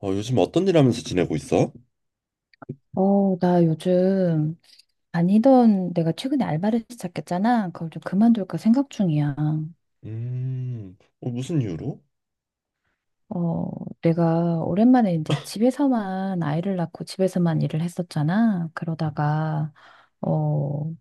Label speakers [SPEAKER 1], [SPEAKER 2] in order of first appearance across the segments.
[SPEAKER 1] 어, 요즘 어떤 일 하면서 지내고 있어?
[SPEAKER 2] 나 요즘 다니던 내가 최근에 알바를 시작했잖아. 그걸 좀 그만둘까 생각 중이야.
[SPEAKER 1] 어, 무슨 이유로?
[SPEAKER 2] 어, 내가 오랜만에 이제 집에서만 아이를 낳고 집에서만 일을 했었잖아.
[SPEAKER 1] 음,
[SPEAKER 2] 그러다가, 어,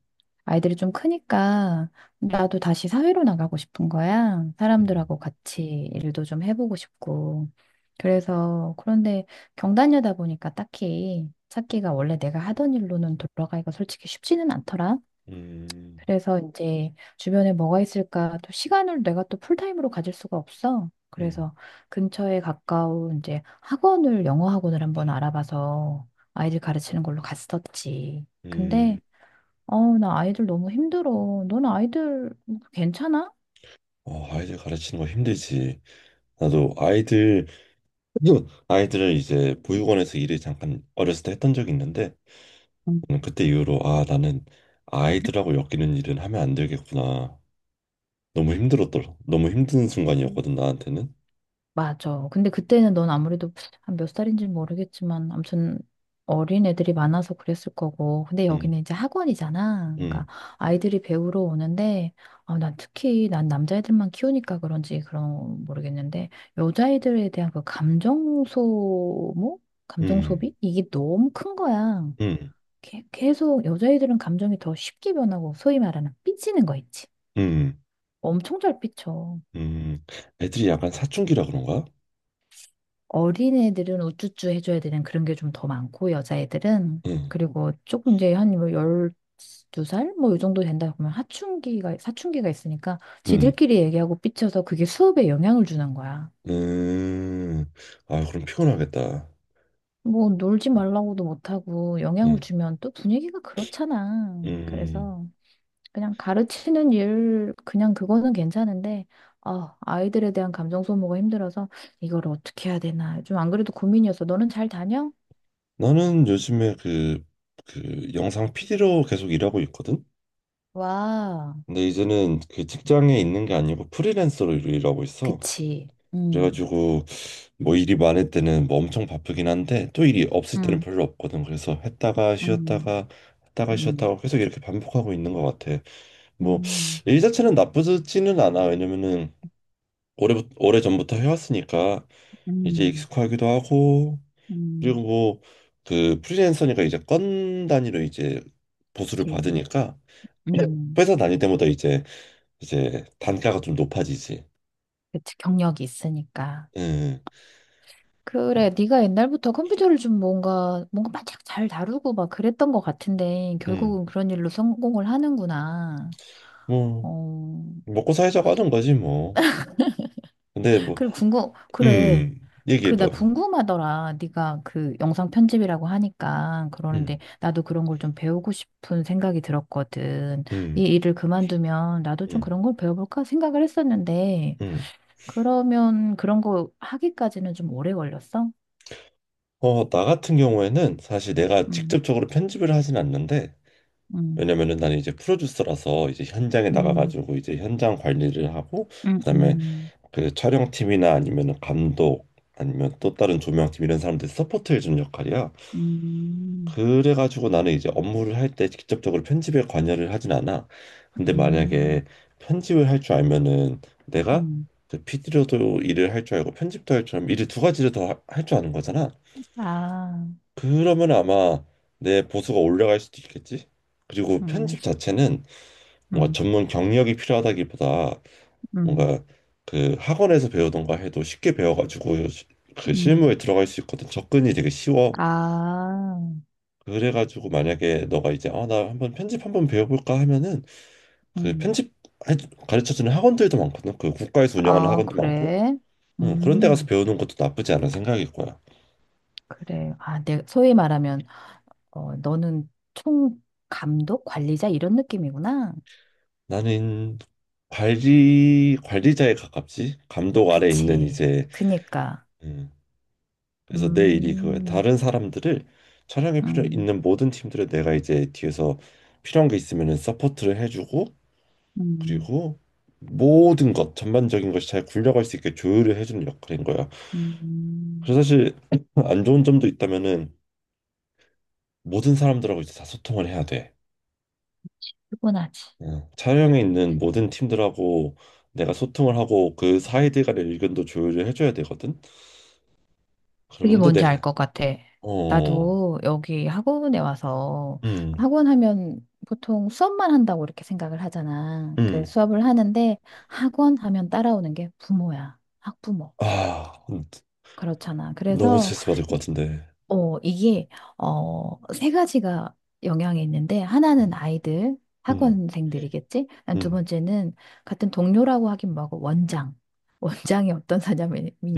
[SPEAKER 2] 아이들이 좀 크니까 나도 다시 사회로 나가고 싶은 거야.
[SPEAKER 1] 음,
[SPEAKER 2] 사람들하고 같이 일도 좀 해보고 싶고. 그래서 그런데 경단녀다 보니까 딱히 찾기가 원래 내가 하던 일로는 돌아가기가 솔직히 쉽지는 않더라.
[SPEAKER 1] 음,
[SPEAKER 2] 그래서 이제 주변에 뭐가 있을까? 또 시간을 내가 또 풀타임으로 가질 수가 없어.
[SPEAKER 1] 음,
[SPEAKER 2] 그래서 근처에 가까운 이제 학원을 영어 학원을 한번 알아봐서 아이들 가르치는 걸로 갔었지. 근데
[SPEAKER 1] 음.
[SPEAKER 2] 나 아이들 너무 힘들어. 넌 아이들 괜찮아?
[SPEAKER 1] 어, 아이들 가르치는 거 힘들지. 나도 아이들, 아이들을 이제 보육원에서 일을 잠깐 어렸을 때 했던 적이 있는데, 그때 이후로, 아, 나는 아이들하고 엮이는 일은 하면 안 되겠구나. 너무 힘들었더라. 너무 힘든
[SPEAKER 2] 음.
[SPEAKER 1] 순간이었거든, 나한테는.
[SPEAKER 2] 맞아. 근데 그때는 넌 아무래도 한 몇 살인지 는 모르겠지만, 아무튼 어린 애들이 많아서 그랬을 거고. 근데
[SPEAKER 1] 음,
[SPEAKER 2] 여기는 이제 학원이잖아.
[SPEAKER 1] 음,
[SPEAKER 2] 그러니까 아이들이 배우러 오는데, 아, 난 특히 난 남자애들만 키우니까 그런지 그런 모르겠는데, 여자애들에 대한 그 감정 소모? 감정
[SPEAKER 1] 음,
[SPEAKER 2] 소비? 이게 너무 큰 거야.
[SPEAKER 1] 음,
[SPEAKER 2] 계속 여자애들은 감정이 더 쉽게 변하고, 소위 말하는 삐지는 거 있지.
[SPEAKER 1] 음,
[SPEAKER 2] 엄청 잘 삐쳐.
[SPEAKER 1] 음. 애들이 약간 사춘기라 그런가?
[SPEAKER 2] 어린애들은 우쭈쭈 해줘야 되는 그런 게 좀 더 많고, 여자애들은.
[SPEAKER 1] 응,
[SPEAKER 2] 그리고 조금 이제 한 뭐 12살? 뭐 이 정도 된다 보면 사춘기가 있으니까
[SPEAKER 1] 응.
[SPEAKER 2] 지들끼리 얘기하고 삐쳐서 그게 수업에 영향을 주는 거야.
[SPEAKER 1] 음, 아, 그럼 피곤하겠다.
[SPEAKER 2] 뭐 놀지 말라고도 못하고 영향을
[SPEAKER 1] 음,
[SPEAKER 2] 주면 또 분위기가 그렇잖아.
[SPEAKER 1] 음,
[SPEAKER 2] 그래서 그냥 가르치는 일, 그냥 그거는 괜찮은데, 아, 아이들에 대한 감정 소모가 힘들어서 이걸 어떻게 해야 되나. 좀 안 그래도 고민이었어. 너는 잘 다녀?
[SPEAKER 1] 나는 요즘에 그 영상 PD로 계속 일하고 있거든?
[SPEAKER 2] 와.
[SPEAKER 1] 근데 이제는 그 직장에 있는 게 아니고 프리랜서로 일하고 있어.
[SPEAKER 2] 그치. 음,
[SPEAKER 1] 그래가지고 뭐 일이 많을 때는 뭐 엄청 바쁘긴 한데 또 일이 없을 때는
[SPEAKER 2] 음,
[SPEAKER 1] 별로 없거든. 그래서 했다가
[SPEAKER 2] 음,
[SPEAKER 1] 쉬었다가 했다가
[SPEAKER 2] 음,
[SPEAKER 1] 쉬었다가 계속 이렇게 반복하고 있는 것 같아. 뭐
[SPEAKER 2] 음,
[SPEAKER 1] 일 자체는 나쁘지는 않아. 왜냐면은 오래 오래 전부터 해왔으니까 이제
[SPEAKER 2] 음,
[SPEAKER 1] 익숙하기도 하고 그리고
[SPEAKER 2] 음,
[SPEAKER 1] 뭐 그 프리랜서니까 이제 건 단위로 이제 보수를
[SPEAKER 2] 그치.
[SPEAKER 1] 받으니까
[SPEAKER 2] 음,
[SPEAKER 1] 회사 다닐 때마다 이제 단가가 좀 높아지지.
[SPEAKER 2] 그치. 경력이 있으니까.
[SPEAKER 1] 음,
[SPEAKER 2] 그래, 네가 옛날부터 컴퓨터를 좀 뭔가, 바짝 잘 다루고 막 그랬던 것 같은데,
[SPEAKER 1] 음,
[SPEAKER 2] 결국은 그런 일로 성공을 하는구나.
[SPEAKER 1] 뭐
[SPEAKER 2] 어,
[SPEAKER 1] 먹고 살자고 하는 거지 뭐. 근데 뭐,
[SPEAKER 2] 그래, 그래. 그, 나
[SPEAKER 1] 얘기해봐.
[SPEAKER 2] 궁금하더라. 네가 그 영상 편집이라고 하니까
[SPEAKER 1] 음,
[SPEAKER 2] 그러는데 나도 그런 걸 좀 배우고 싶은 생각이 들었거든. 이
[SPEAKER 1] 음,
[SPEAKER 2] 일을 그만두면 나도 좀
[SPEAKER 1] 음,
[SPEAKER 2] 그런 걸 배워볼까 생각을 했었는데
[SPEAKER 1] 음.
[SPEAKER 2] 그러면 그런 거 하기까지는 좀 오래 걸렸어?
[SPEAKER 1] 어, 나 같은 경우에는 사실 내가
[SPEAKER 2] 음,
[SPEAKER 1] 직접적으로 편집을 하진 않는데
[SPEAKER 2] 음,
[SPEAKER 1] 왜냐면은 나는 이제 프로듀서라서 이제 현장에
[SPEAKER 2] 음,
[SPEAKER 1] 나가가지고 이제 현장 관리를 하고
[SPEAKER 2] 음,
[SPEAKER 1] 그다음에
[SPEAKER 2] 음,
[SPEAKER 1] 그 촬영팀이나 아니면은 감독 아니면 또 다른 조명팀 이런 사람들 서포트 해주는 역할이야.
[SPEAKER 2] 음,
[SPEAKER 1] 그래가지고 나는 이제 업무를 할 때 직접적으로 편집에 관여를 하진 않아. 근데 만약에
[SPEAKER 2] 음,
[SPEAKER 1] 편집을 할 줄 알면은 내가
[SPEAKER 2] 음.
[SPEAKER 1] 그 PD로도 일을 할 줄 알고 편집도 할 줄 알면 일을 두 가지를 더 할 줄 아는 거잖아.
[SPEAKER 2] 아,
[SPEAKER 1] 그러면 아마 내 보수가 올라갈 수도 있겠지. 그리고
[SPEAKER 2] 음,
[SPEAKER 1] 편집 자체는 뭔가
[SPEAKER 2] 음,
[SPEAKER 1] 전문 경력이 필요하다기보다
[SPEAKER 2] 음,
[SPEAKER 1] 뭔가 그 학원에서 배우던가 해도 쉽게 배워가지고 그 실무에
[SPEAKER 2] 음.
[SPEAKER 1] 들어갈 수 있거든. 접근이 되게 쉬워.
[SPEAKER 2] 아,
[SPEAKER 1] 그래가지고 만약에 너가 이제 아, 나 한번 편집 한번 배워볼까 하면은 그
[SPEAKER 2] 음.
[SPEAKER 1] 편집 해- 가르쳐주는 학원들도 많거든. 그 국가에서 운영하는
[SPEAKER 2] 아,
[SPEAKER 1] 학원도 많고.
[SPEAKER 2] 그래?
[SPEAKER 1] 응, 그런 데 가서
[SPEAKER 2] 음.
[SPEAKER 1] 배우는 것도 나쁘지 않은 생각일 거야.
[SPEAKER 2] 그래. 아, 소위 말하면, 너는 총 감독, 관리자 이런 느낌이구나.
[SPEAKER 1] 나는 관리자에 가깝지. 감독 아래 있는
[SPEAKER 2] 그치.
[SPEAKER 1] 이제,
[SPEAKER 2] 그니까.
[SPEAKER 1] 음, 그래서 내 일이 그거야.
[SPEAKER 2] 음,
[SPEAKER 1] 다른 사람들을 촬영에 필요
[SPEAKER 2] 음,
[SPEAKER 1] 있는 모든 팀들을 내가 이제 뒤에서 필요한 게 있으면은 서포트를 해주고
[SPEAKER 2] 음,
[SPEAKER 1] 그리고 모든 것 전반적인 것이 잘 굴려갈 수 있게 조율을 해주는 역할인 거야.
[SPEAKER 2] 음.
[SPEAKER 1] 그래서 사실 안 좋은 점도 있다면은 모든 사람들하고 이제 다 소통을 해야 돼.
[SPEAKER 2] 피곤하지.
[SPEAKER 1] 어, 촬영에 있는 모든 팀들하고 내가 소통을 하고 그 사이들 간의 의견도 조율을 해줘야 되거든.
[SPEAKER 2] 그게
[SPEAKER 1] 그러면 근데
[SPEAKER 2] 뭔지 알
[SPEAKER 1] 내가
[SPEAKER 2] 것 같아.
[SPEAKER 1] 어,
[SPEAKER 2] 나도 여기 학원에 와서
[SPEAKER 1] 음,
[SPEAKER 2] 학원 하면 보통 수업만 한다고 이렇게 생각을 하잖아. 그래서
[SPEAKER 1] 음,
[SPEAKER 2] 수업을 하는데 학원 하면 따라오는 게 부모야. 학부모.
[SPEAKER 1] 아.
[SPEAKER 2] 그렇잖아.
[SPEAKER 1] 너무
[SPEAKER 2] 그래서
[SPEAKER 1] 스트레스 받을 것
[SPEAKER 2] 이-
[SPEAKER 1] 같은데.
[SPEAKER 2] 이게, 세 가지가 영향이 있는데, 하나는 아이들,
[SPEAKER 1] 음,
[SPEAKER 2] 학원생들이겠지? 난 두
[SPEAKER 1] 음,
[SPEAKER 2] 번째는 같은 동료라고 하긴 뭐하고, 원장. 원장이 어떤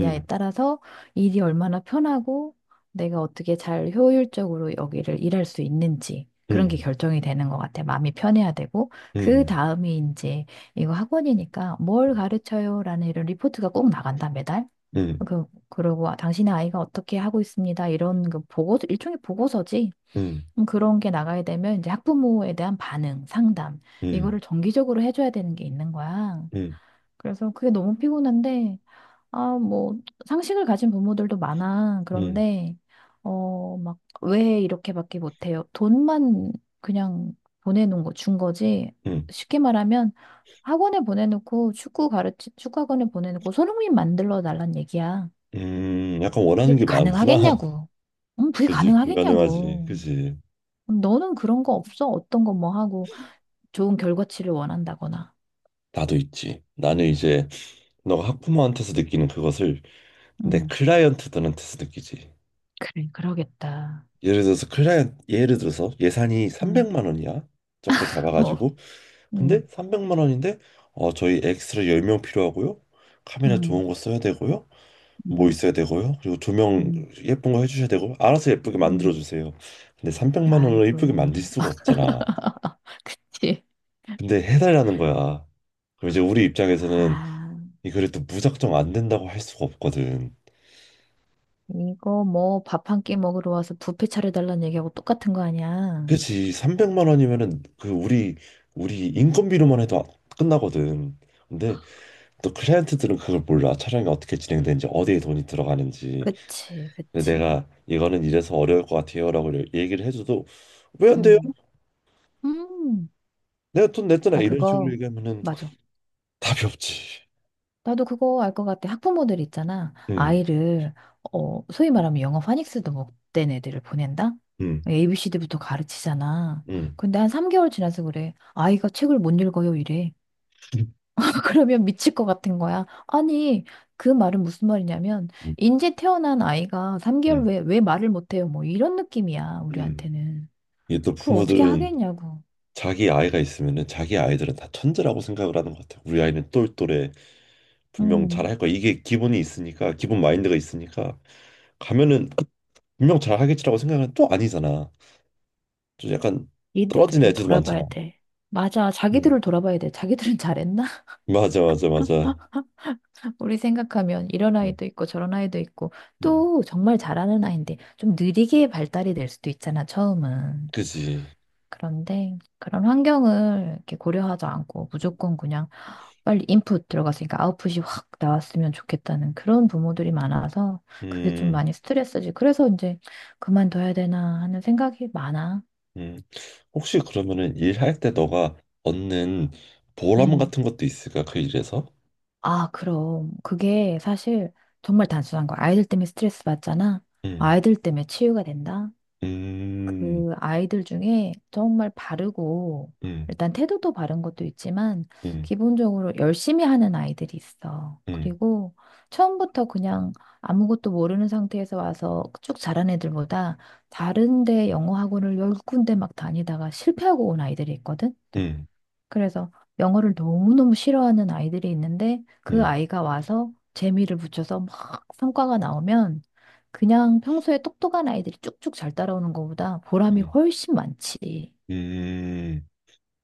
[SPEAKER 1] 음,
[SPEAKER 2] 따라서 일이 얼마나 편하고, 내가 어떻게 잘 효율적으로 여기를 일할 수 있는지, 그런 게
[SPEAKER 1] 음,
[SPEAKER 2] 결정이 되는 것 같아. 마음이 편해야 되고, 그
[SPEAKER 1] 음,
[SPEAKER 2] 다음이 이제, 이거 학원이니까 뭘
[SPEAKER 1] 음,
[SPEAKER 2] 가르쳐요? 라는 이런 리포트가 꼭 나간다, 매달.
[SPEAKER 1] 음,
[SPEAKER 2] 그리고 아, 당신의 아이가 어떻게 하고 있습니다. 이런 그 보고, 일종의 보고서지.
[SPEAKER 1] 음, 음,
[SPEAKER 2] 그런 게 나가야 되면 이제 학부모에 대한 반응, 상담,
[SPEAKER 1] 음,
[SPEAKER 2] 이거를 정기적으로 해줘야 되는 게 있는 거야.
[SPEAKER 1] 음,
[SPEAKER 2] 그래서 그게 너무 피곤한데, 아, 뭐, 상식을 가진 부모들도 많아.
[SPEAKER 1] 음,
[SPEAKER 2] 그런데, 막, 왜 이렇게밖에 못해요? 돈만 그냥 보내놓은 거, 준 거지.
[SPEAKER 1] 음,
[SPEAKER 2] 쉽게 말하면 학원에 보내놓고 축구학원에 보내놓고 손흥민 만들러 달란 얘기야.
[SPEAKER 1] 약간 원하는
[SPEAKER 2] 그게
[SPEAKER 1] 게 많구나.
[SPEAKER 2] 가능하겠냐고. 그게
[SPEAKER 1] 그지, 불가능하지.
[SPEAKER 2] 가능하겠냐고.
[SPEAKER 1] 그지.
[SPEAKER 2] 너는 그런 거 없어? 어떤 거 뭐 하고 좋은 결과치를 원한다거나.
[SPEAKER 1] 나도 있지. 나는 이제 너가 학부모한테서 느끼는 그것을 내
[SPEAKER 2] 음,
[SPEAKER 1] 클라이언트들한테서 느끼지.
[SPEAKER 2] 그래, 그러겠다.
[SPEAKER 1] 예를 들어서 클라이언트, 예를 들어서 예산이
[SPEAKER 2] 응,
[SPEAKER 1] 300만 원이야. 적게
[SPEAKER 2] 어,
[SPEAKER 1] 잡아가지고.
[SPEAKER 2] 응,
[SPEAKER 1] 근데 300만 원인데, 어, 저희 엑스트라 10명 필요하고요. 카메라
[SPEAKER 2] 응,
[SPEAKER 1] 좋은 거 써야 되고요. 뭐
[SPEAKER 2] 응,
[SPEAKER 1] 있어야 되고요. 그리고 두 명
[SPEAKER 2] 응,
[SPEAKER 1] 예쁜 거 해주셔야 되고 알아서 예쁘게 만들어
[SPEAKER 2] 응.
[SPEAKER 1] 주세요. 근데 300만 원으로 예쁘게
[SPEAKER 2] 아이고.
[SPEAKER 1] 만들 수가 없잖아.
[SPEAKER 2] 지.
[SPEAKER 1] 근데 해달라는 거야. 그럼 이제 우리 입장에서는
[SPEAKER 2] 아,
[SPEAKER 1] 이 글이 또 무작정 안 된다고 할 수가 없거든.
[SPEAKER 2] 이거 뭐 밥 한 끼 먹으러 와서 뷔페 차려달라는 얘기하고 똑같은 거 아니야?
[SPEAKER 1] 그치? 300만 원이면은 그 우리 인건비로만 해도 끝나거든. 근데 또 클라이언트들은 그걸 몰라. 촬영이 어떻게 진행되는지 어디에 돈이 들어가는지.
[SPEAKER 2] 그치,
[SPEAKER 1] 근데
[SPEAKER 2] 그치.
[SPEAKER 1] 내가 이거는 이래서 어려울 것 같아요라고 얘기를 해줘도 왜 안 돼요?
[SPEAKER 2] 응. 음,
[SPEAKER 1] 내가 돈 냈잖아
[SPEAKER 2] 나
[SPEAKER 1] 이런 식으로
[SPEAKER 2] 그거,
[SPEAKER 1] 얘기하면은
[SPEAKER 2] 맞아.
[SPEAKER 1] 답이 없지.
[SPEAKER 2] 나도 그거 알 것 같아. 학부모들 있잖아.
[SPEAKER 1] 응.
[SPEAKER 2] 소위 말하면 영어 파닉스도 못된 애들을 보낸다?
[SPEAKER 1] 응.
[SPEAKER 2] ABCD부터 가르치잖아.
[SPEAKER 1] 응.
[SPEAKER 2] 근데 한 3개월 지나서 그래. 아이가 책을 못 읽어요, 이래. 그러면 미칠 것 같은 거야. 아니, 그 말은 무슨 말이냐면,
[SPEAKER 1] 응.
[SPEAKER 2] 인제 태어난 아이가
[SPEAKER 1] 응.
[SPEAKER 2] 3개월 후에 왜 말을 못 해요? 뭐 이런 느낌이야,
[SPEAKER 1] 응.
[SPEAKER 2] 우리한테는.
[SPEAKER 1] 이게 또
[SPEAKER 2] 그걸 어떻게
[SPEAKER 1] 부모들은
[SPEAKER 2] 하겠냐고.
[SPEAKER 1] 자기 아이가 있으면은 자기 아이들은 다 천재라고 생각을 하는 것 같아. 우리 아이는 똘똘해. 분명
[SPEAKER 2] 음,
[SPEAKER 1] 잘할 거야. 이게 기본이 있으니까, 기본 마인드가 있으니까 가면은 분명 잘하겠지라고 생각은 또 아니잖아. 좀 약간 떨어지는
[SPEAKER 2] 이들을
[SPEAKER 1] 애들도 많잖아.
[SPEAKER 2] 돌아봐야 돼. 맞아,
[SPEAKER 1] 응,
[SPEAKER 2] 자기들을 돌아봐야 돼. 자기들은 잘했나?
[SPEAKER 1] 맞아, 맞아, 맞아.
[SPEAKER 2] 우리 생각하면 이런
[SPEAKER 1] 응,
[SPEAKER 2] 아이도 있고 저런 아이도 있고
[SPEAKER 1] 응,
[SPEAKER 2] 또 정말 잘하는 아이인데 좀 느리게 발달이 될 수도 있잖아, 처음은.
[SPEAKER 1] 그지.
[SPEAKER 2] 그런데 그런 환경을 이렇게 고려하지 않고
[SPEAKER 1] 음.
[SPEAKER 2] 무조건 그냥 빨리 인풋 들어갔으니까 아웃풋이 확 나왔으면 좋겠다는 그런 부모들이 많아서 그게 좀
[SPEAKER 1] 음.
[SPEAKER 2] 많이 스트레스지. 그래서 이제 그만둬야 되나 하는 생각이 많아.
[SPEAKER 1] 음, 혹시 그러면은 일할 때 너가 얻는 보람
[SPEAKER 2] 음.
[SPEAKER 1] 같은 것도 있을까? 그 일에서?
[SPEAKER 2] 아, 그럼. 그게 사실 정말 단순한 거야. 아이들 때문에 스트레스 받잖아.
[SPEAKER 1] 음,
[SPEAKER 2] 아이들 때문에 치유가 된다.
[SPEAKER 1] 음,
[SPEAKER 2] 그 아이들 중에 정말 바르고
[SPEAKER 1] 음,
[SPEAKER 2] 일단 태도도 바른 것도 있지만
[SPEAKER 1] 음,
[SPEAKER 2] 기본적으로 열심히 하는 아이들이 있어.
[SPEAKER 1] 음,
[SPEAKER 2] 그리고 처음부터 그냥 아무것도 모르는 상태에서 와서 쭉 자란 애들보다 다른데 영어 학원을 10군데 막 다니다가 실패하고 온 아이들이 있거든.
[SPEAKER 1] 음,
[SPEAKER 2] 그래서 영어를 너무너무 싫어하는 아이들이 있는데 그
[SPEAKER 1] 음,
[SPEAKER 2] 아이가 와서 재미를 붙여서 막 성과가 나오면 그냥 평소에 똑똑한 아이들이 쭉쭉 잘 따라오는 것보다 보람이
[SPEAKER 1] 음,
[SPEAKER 2] 훨씬 많지.
[SPEAKER 1] 음.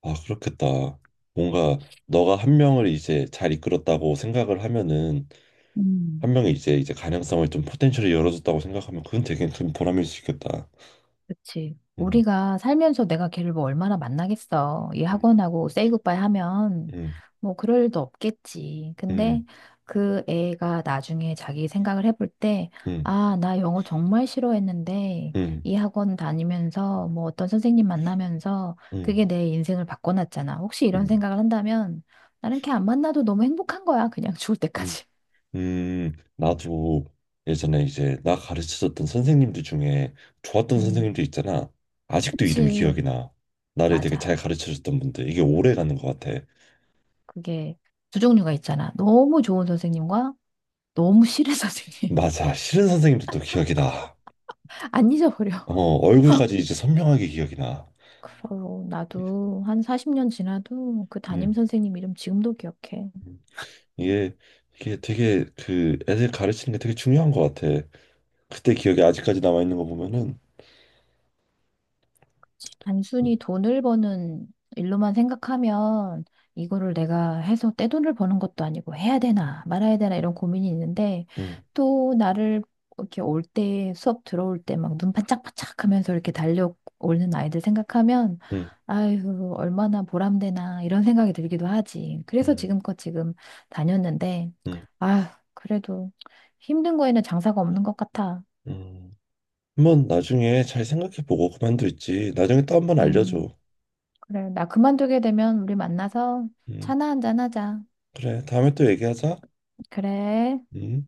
[SPEAKER 1] 아, 그렇겠다. 뭔가 너가 한 명을 이제 잘 이끌었다고 생각을 하면은
[SPEAKER 2] 음.
[SPEAKER 1] 한 명이 이제 가능성을 좀 포텐셜을 열어줬다고 생각하면 그건 되게 큰 보람일 수 있겠다.
[SPEAKER 2] 그치.
[SPEAKER 1] 음,
[SPEAKER 2] 우리가 살면서 내가 걔를 뭐 얼마나 만나겠어. 이
[SPEAKER 1] 음,
[SPEAKER 2] 학원하고 세이 굿바이 하면
[SPEAKER 1] 음,
[SPEAKER 2] 뭐 그럴 일도 없겠지. 근데
[SPEAKER 1] 음,
[SPEAKER 2] 그 애가 나중에 자기 생각을 해볼 때,
[SPEAKER 1] 음,
[SPEAKER 2] 아, 나 영어 정말 싫어했는데
[SPEAKER 1] 음,
[SPEAKER 2] 이 학원 다니면서 뭐 어떤 선생님 만나면서
[SPEAKER 1] 음,
[SPEAKER 2] 그게 내 인생을 바꿔놨잖아. 혹시 이런
[SPEAKER 1] 음,
[SPEAKER 2] 생각을 한다면 나는 걔 안 만나도 너무 행복한 거야. 그냥 죽을
[SPEAKER 1] 음,
[SPEAKER 2] 때까지.
[SPEAKER 1] 나도 예전에 이제 나 가르쳐줬던 선생님들 중에 좋았던
[SPEAKER 2] 음.
[SPEAKER 1] 선생님들 있잖아. 아직도 이름이
[SPEAKER 2] 그치.
[SPEAKER 1] 기억이 나. 나를 되게 잘
[SPEAKER 2] 맞아.
[SPEAKER 1] 가르쳐줬던 분들. 이게 오래 가는 것 같아.
[SPEAKER 2] 그게 두 종류가 있잖아. 너무 좋은 선생님과 너무 싫어, 선생님.
[SPEAKER 1] 맞아. 싫은 선생님들도 기억이 나.
[SPEAKER 2] 안
[SPEAKER 1] 어,
[SPEAKER 2] 잊어버려.
[SPEAKER 1] 얼굴까지 이제 선명하게 기억이 나.
[SPEAKER 2] 그럼 나도 한 40년 지나도 그 담임
[SPEAKER 1] 음.
[SPEAKER 2] 선생님 이름 지금도 기억해.
[SPEAKER 1] 이게, 이게 되게 그 애들 가르치는 게 되게 중요한 것 같아. 그때 기억이 아직까지 남아있는 거 보면은. 음,
[SPEAKER 2] 단순히 돈을 버는 일로만 생각하면 이거를 내가 해서 떼돈을 버는 것도 아니고 해야 되나 말아야 되나 이런 고민이 있는데
[SPEAKER 1] 음,
[SPEAKER 2] 또 나를 이렇게 올 때 수업 들어올 때 막 눈 반짝반짝 하면서 이렇게 달려오는 아이들 생각하면
[SPEAKER 1] 음,
[SPEAKER 2] 아유 얼마나 보람되나 이런 생각이 들기도 하지. 그래서
[SPEAKER 1] 음,
[SPEAKER 2] 지금껏 지금 다녔는데
[SPEAKER 1] 음.
[SPEAKER 2] 아 그래도 힘든 거에는 장사가 없는 것 같아.
[SPEAKER 1] 음. 한번 나중에 잘 생각해보고 그만둘지 나중에 또 한번 알려줘.
[SPEAKER 2] 음. 그래, 나 그만두게 되면 우리 만나서
[SPEAKER 1] 음,
[SPEAKER 2] 차나 한잔 하자.
[SPEAKER 1] 그래, 다음에 또 얘기하자.
[SPEAKER 2] 그래.
[SPEAKER 1] 음.